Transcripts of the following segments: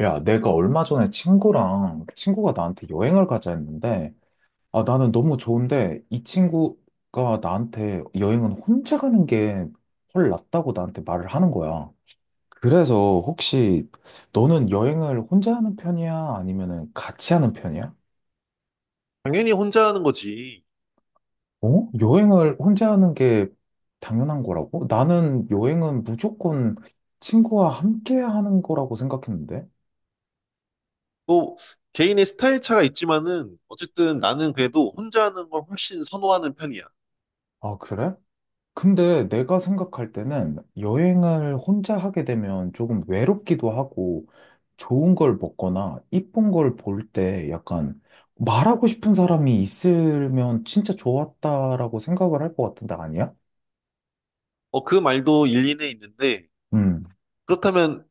야, 내가 얼마 전에 친구가 나한테 여행을 가자 했는데, 아, 나는 너무 좋은데, 이 친구가 나한테 여행은 혼자 가는 게 훨 낫다고 나한테 말을 하는 거야. 그래서 혹시 너는 여행을 혼자 하는 편이야? 아니면은 같이 하는 편이야? 당연히 혼자 하는 거지. 어? 여행을 혼자 하는 게 당연한 거라고? 나는 여행은 무조건 친구와 함께 하는 거라고 생각했는데. 또 개인의 스타일 차가 있지만은 어쨌든 나는 그래도 혼자 하는 걸 훨씬 선호하는 편이야. 아, 그래? 근데 내가 생각할 때는 여행을 혼자 하게 되면 조금 외롭기도 하고 좋은 걸 먹거나 이쁜 걸 볼 때 약간 말하고 싶은 사람이 있으면 진짜 좋았다라고 생각을 할 것 같은데 아니야? 어, 그 말도 일리는 있는데 음, 그렇다면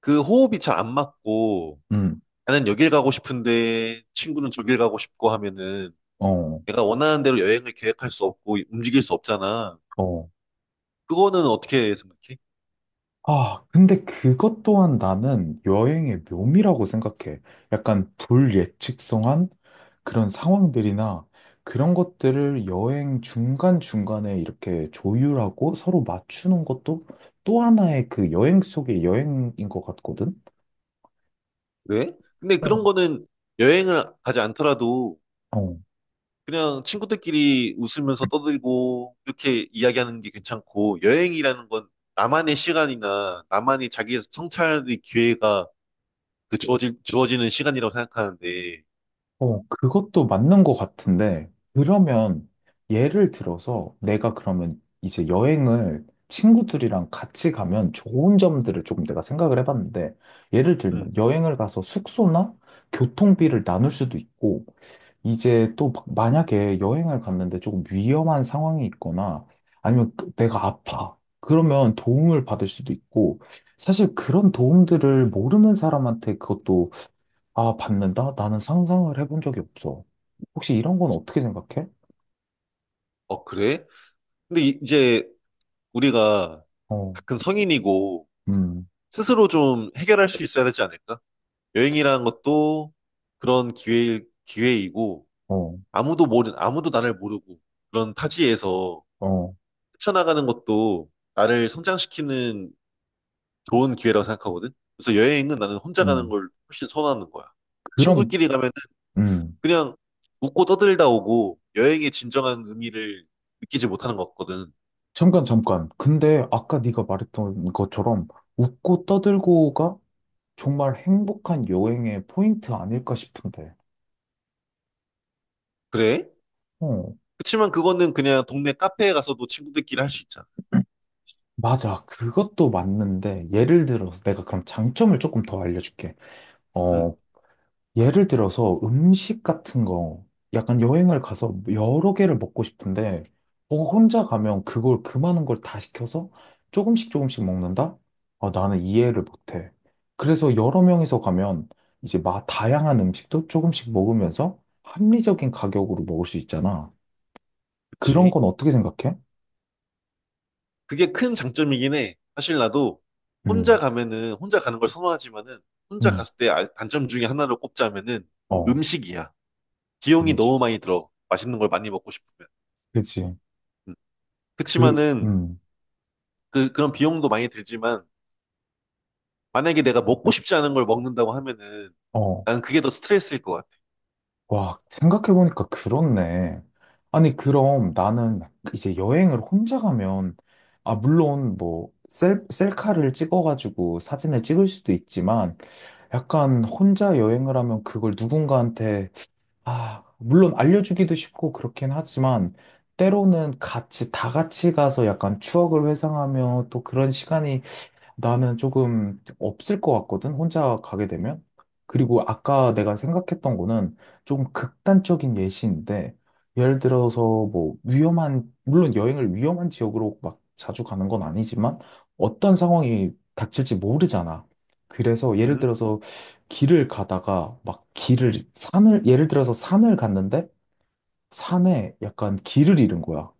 그 호흡이 잘 안 맞고 음, 나는 여길 가고 싶은데 친구는 저길 가고 싶고 하면은 어, 내가 원하는 대로 여행을 계획할 수 없고 움직일 수 없잖아. 어. 그거는 어떻게 생각해? 아, 근데 그것 또한 나는 여행의 묘미라고 생각해. 약간 불예측성한 그런 상황들이나 그런 것들을 여행 중간중간에 이렇게 조율하고 서로 맞추는 것도 또 하나의 그 여행 속의 여행인 것 같거든? 왜? 근데 그런 어. 거는 여행을 가지 않더라도 어. 그냥 친구들끼리 웃으면서 떠들고 이렇게 이야기하는 게 괜찮고 여행이라는 건 나만의 시간이나 나만의 자기 성찰의 기회가 그 주어지는 시간이라고 생각하는데. 어, 그것도 맞는 것 같은데, 그러면 예를 들어서 내가 그러면 이제 여행을 친구들이랑 같이 가면 좋은 점들을 조금 내가 생각을 해봤는데, 예를 들면 음. 여행을 가서 숙소나 교통비를 나눌 수도 있고, 이제 또 만약에 여행을 갔는데 조금 위험한 상황이 있거나 아니면 내가 아파. 그러면 도움을 받을 수도 있고 사실 그런 도움들을 모르는 사람한테 그것도 아, 받는다? 나는 상상을 해본 적이 없어. 혹시 이런 건 어떻게 생각해? 어, 그래? 근데 이제 우리가 어, 다 큰 성인이고 음, 스스로 좀 해결할 수 있어야 되지 않을까? 여행이라는 것도 그런 기회이고 어, 아무도 나를 모르고 그런 타지에서 어, 헤쳐나가는 것도 나를 성장시키는 좋은 기회라고 생각하거든. 그래서 여행은 나는 혼자 가는 음. 걸 훨씬 선호하는 거야. 그럼, 친구끼리 가면은 음. 그냥 웃고 떠들다 오고 여행의 진정한 의미를 느끼지 못하는 것 같거든. 잠깐, 잠깐. 근데 아까 네가 말했던 것처럼 웃고 떠들고가 정말 행복한 여행의 포인트 아닐까 싶은데. 그래? 어, 그치만 그거는 그냥 동네 카페에 가서도 친구들끼리 할 수 있잖아. 맞아. 그것도 맞는데 예를 들어서 내가 그럼 장점을 조금 더 알려줄게. 응, 어, 예를 들어서 음식 같은 거, 약간 여행을 가서 여러 개를 먹고 싶은데, 어, 혼자 가면 그걸 그 많은 걸 다 시켜서 조금씩 조금씩 먹는다? 아, 나는 이해를 못해. 그래서 여러 명이서 가면 이제 막 다양한 음식도 조금씩 먹으면서 합리적인 가격으로 먹을 수 있잖아. 그런 그치. 건 어떻게 생각해? 그게 큰 장점이긴 해. 사실 나도 혼자 음, 가면은 혼자 가는 걸 선호하지만은 혼자 음, 갔을 때 단점 중에 하나를 꼽자면은 어, 음식이야. 비용이 음식. 너무 많이 들어. 맛있는 걸 많이 먹고 싶으면. 그치. 음. 그, 그치만은 그런 비용도 많이 들지만, 만약에 내가 먹고 싶지 않은 걸 먹는다고 하면은, 어, 난 그게 더 스트레스일 것 같아. 와, 생각해보니까 그렇네. 아니, 그럼 나는 이제 여행을 혼자 가면, 아, 물론 뭐, 셀카를 찍어가지고 사진을 찍을 수도 있지만, 약간 혼자 여행을 하면 그걸 누군가한테, 아, 물론 알려주기도 쉽고 그렇긴 하지만, 때로는 같이, 다 같이 가서 약간 추억을 회상하며 또 그런 시간이 나는 조금 없을 것 같거든, 혼자 가게 되면. 그리고 아까 내가 생각했던 거는 조금 극단적인 예시인데, 예를 들어서 뭐 위험한, 물론 여행을 위험한 지역으로 막 자주 가는 건 아니지만, 어떤 상황이 닥칠지 모르잖아. 그래서 예를 응. 들어서 길을 가다가 막 길을, 산을, 예를 들어서 산을 갔는데, 산에 약간 길을 잃은 거야.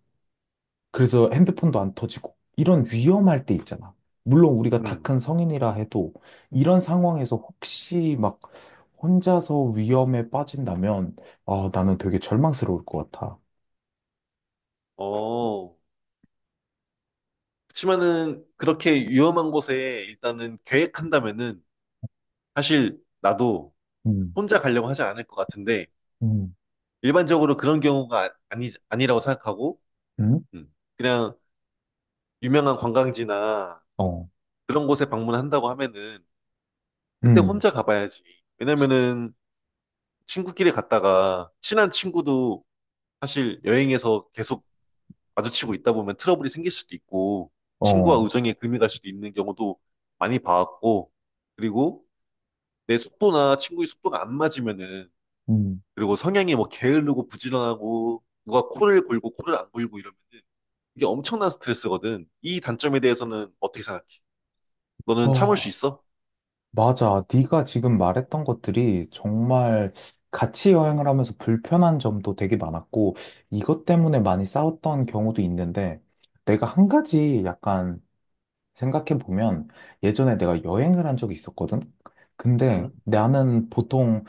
그래서 핸드폰도 안 터지고 이런 위험할 때 있잖아. 물론 우리가 다 응. 큰 성인이라 해도 이런 상황에서 혹시 막 혼자서 위험에 빠진다면 아, 나는 되게 절망스러울 것 같아. 어, 그치만은, 그렇게 위험한 곳에 일단은 계획한다면은, 사실 나도 음, 혼자 가려고 하지 않을 것 같은데, 음, 일반적으로 그런 경우가 아- 아니, 아니라고 생각하고, 응? 그냥 유명한 관광지나 어, 그런 곳에 방문한다고 하면은, 그때 음, 혼자 가봐야지. 왜냐면은, 친구끼리 갔다가, 친한 친구도 사실 여행에서 계속 마주치고 있다 보면 트러블이 생길 수도 있고 친구와 어, 우정에 금이 갈 수도 있는 경우도 많이 봐왔고 그리고 내 속도나 친구의 속도가 안 맞으면은 음, 그리고 성향이 뭐 게으르고 부지런하고 누가 코를 골고 코를 안 골고 이러면은 이게 엄청난 스트레스거든. 이 단점에 대해서는 어떻게 생각해? 너는 참을 수 어, 있어? 맞아. 네가 지금 말했던 것들이 정말 같이 여행을 하면서 불편한 점도 되게 많았고 이것 때문에 많이 싸웠던 경우도 있는데 내가 한 가지 약간 생각해보면 예전에 내가 여행을 한 적이 있었거든? 근데 응? 나는 보통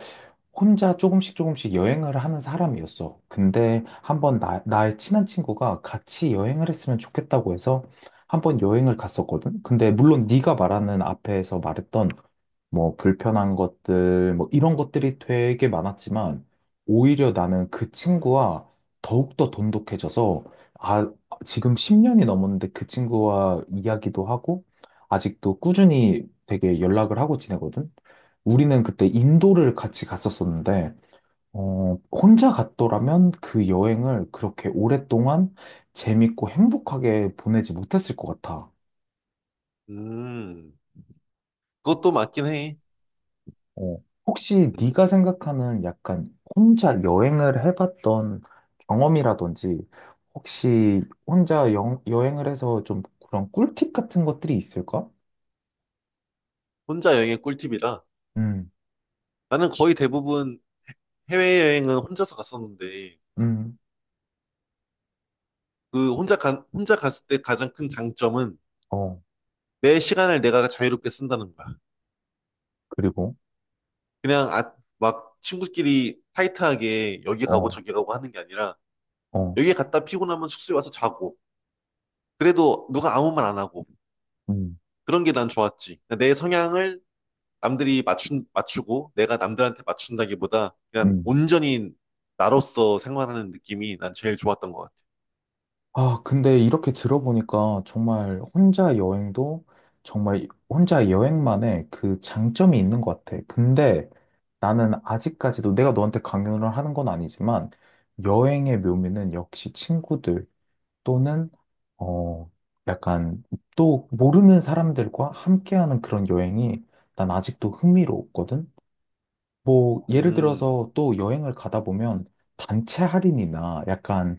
혼자 조금씩 조금씩 여행을 하는 사람이었어. 근데 한번 나의 친한 친구가 같이 여행을 했으면 좋겠다고 해서 한번 여행을 갔었거든? 근데 물론 네가 말하는 앞에서 말했던 뭐 불편한 것들, 뭐 이런 것들이 되게 많았지만 오히려 나는 그 친구와 더욱더 돈독해져서 아, 지금 10년이 넘었는데 그 친구와 이야기도 하고 아직도 꾸준히 되게 연락을 하고 지내거든. 우리는 그때 인도를 같이 갔었었는데 어, 혼자 갔더라면 그 여행을 그렇게 오랫동안 재밌고 행복하게 보내지 못했을 것 같아. 음. 그것도 맞긴 해. 어, 혹시 음, 네가 생각하는 약간 혼자 여행을 해봤던 경험이라든지 혹시 혼자 여행을 해서 좀 그런 꿀팁 같은 것들이 있을까? 혼자 여행의 꿀팁이라. 음, 나는 거의 대부분 해외여행은 혼자서 갔었는데, 음, 그 혼자 갔을 때 가장 큰 장점은 어, 내 시간을 내가 자유롭게 쓴다는 거야. 그리고, 그냥 아, 막 친구끼리 타이트하게 여기 가고 어, 저기 가고 하는 게 아니라, 어, 여기 갔다 피곤하면 숙소에 와서 자고, 그래도 누가 아무 말 안 하고, 음, 그런 게 난 좋았지. 내 성향을 맞추고, 내가 남들한테 맞춘다기보다 그냥 음. 온전히 나로서 생활하는 느낌이 난 제일 좋았던 것 같아. 아, 근데 이렇게 들어보니까 정말 혼자 여행도 정말 혼자 여행만의 그 장점이 있는 것 같아. 근데 나는 아직까지도 내가 너한테 강요를 하는 건 아니지만 여행의 묘미는 역시 친구들 또는 어, 약간 또 모르는 사람들과 함께하는 그런 여행이 난 아직도 흥미로웠거든. 뭐 예를 음, 들어서 또 여행을 가다 보면 단체 할인이나 약간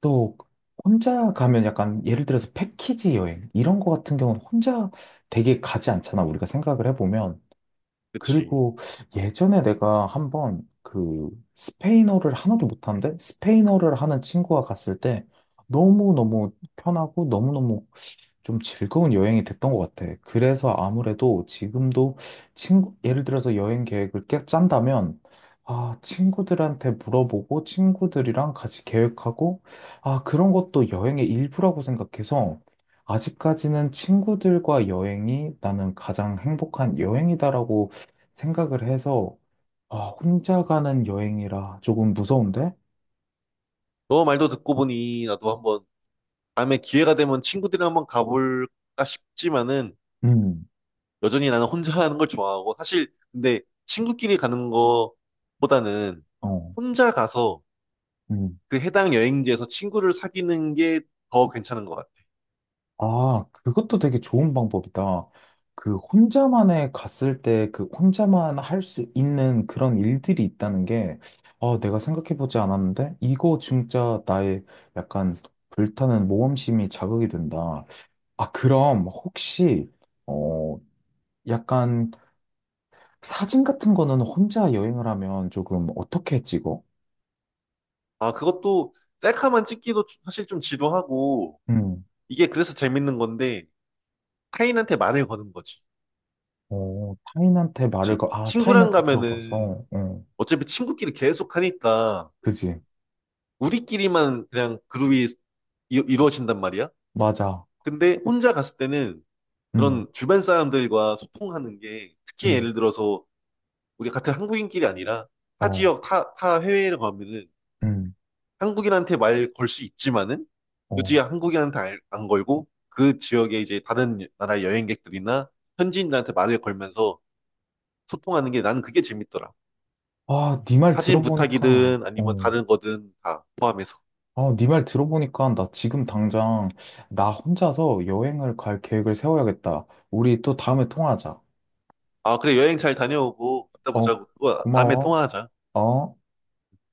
또 혼자 가면 약간 예를 들어서 패키지 여행 이런 거 같은 경우는 혼자 되게 가지 않잖아 우리가 생각을 해보면 그치. 그리고 예전에 내가 한번 그 스페인어를 하나도 못하는데 스페인어를 하는 친구가 갔을 때 너무너무 편하고 너무너무 좀 즐거운 여행이 됐던 것 같아. 그래서 아무래도 지금도 친구, 예를 들어서 여행 계획을 짠다면, 아, 친구들한테 물어보고, 친구들이랑 같이 계획하고, 아, 그런 것도 여행의 일부라고 생각해서, 아직까지는 친구들과 여행이 나는 가장 행복한 여행이다라고 생각을 해서, 아, 혼자 가는 여행이라 조금 무서운데? 너 말도 듣고 보니 나도 한번 다음에 기회가 되면 친구들이랑 한번 가볼까 싶지만은 음, 여전히 나는 혼자 하는 걸 좋아하고 사실 근데 친구끼리 가는 거보다는 어, 혼자 가서 음. 그 해당 여행지에서 친구를 사귀는 게 더 괜찮은 것 같아. 아, 그것도 되게 좋은 방법이다. 그 혼자만의 갔을 때 그 혼자만 할 수 있는 그런 일들이 있다는 게, 아, 내가 생각해보지 않았는데? 이거 진짜 나의 약간 불타는 모험심이 자극이 된다. 아, 그럼 혹시, 어, 약간 사진 같은 거는 혼자 여행을 하면 조금 어떻게 찍어? 아, 그것도 셀카만 찍기도 사실 좀 지루하고 음, 이게 그래서 재밌는 건데 타인한테 말을 거는 거지. 어, 타인한테 그치? 아, 친구랑 타인한테 가면은 물어봐서, 응. 어차피 친구끼리 계속 하니까 그지. 우리끼리만 그냥 그룹이 이루어진단 말이야. 맞아. 근데 혼자 갔을 때는 응. 그런 주변 사람들과 소통하는 게 특히 응. 예를 들어서 우리 같은 한국인끼리 아니라 어. 타 해외를 가면은 음, 한국인한테 말 걸 수 있지만은 어. 굳이 한국인한테 안 걸고 그 지역에 이제 다른 나라 여행객들이나 현지인들한테 말을 걸면서 소통하는 게 나는 그게 재밌더라. 아, 네 말 사진 들어보니까, 부탁이든 아니면 어. 다른 거든 다 포함해서. 아, 네 말 들어보니까 나 지금 당장 나 혼자서 여행을 갈 계획을 세워야겠다. 우리 또 다음에 통화하자. 아, 그래, 여행 잘 다녀오고, 이따 어, 보자고. 또 다음에 고마워. 통화하자. 어.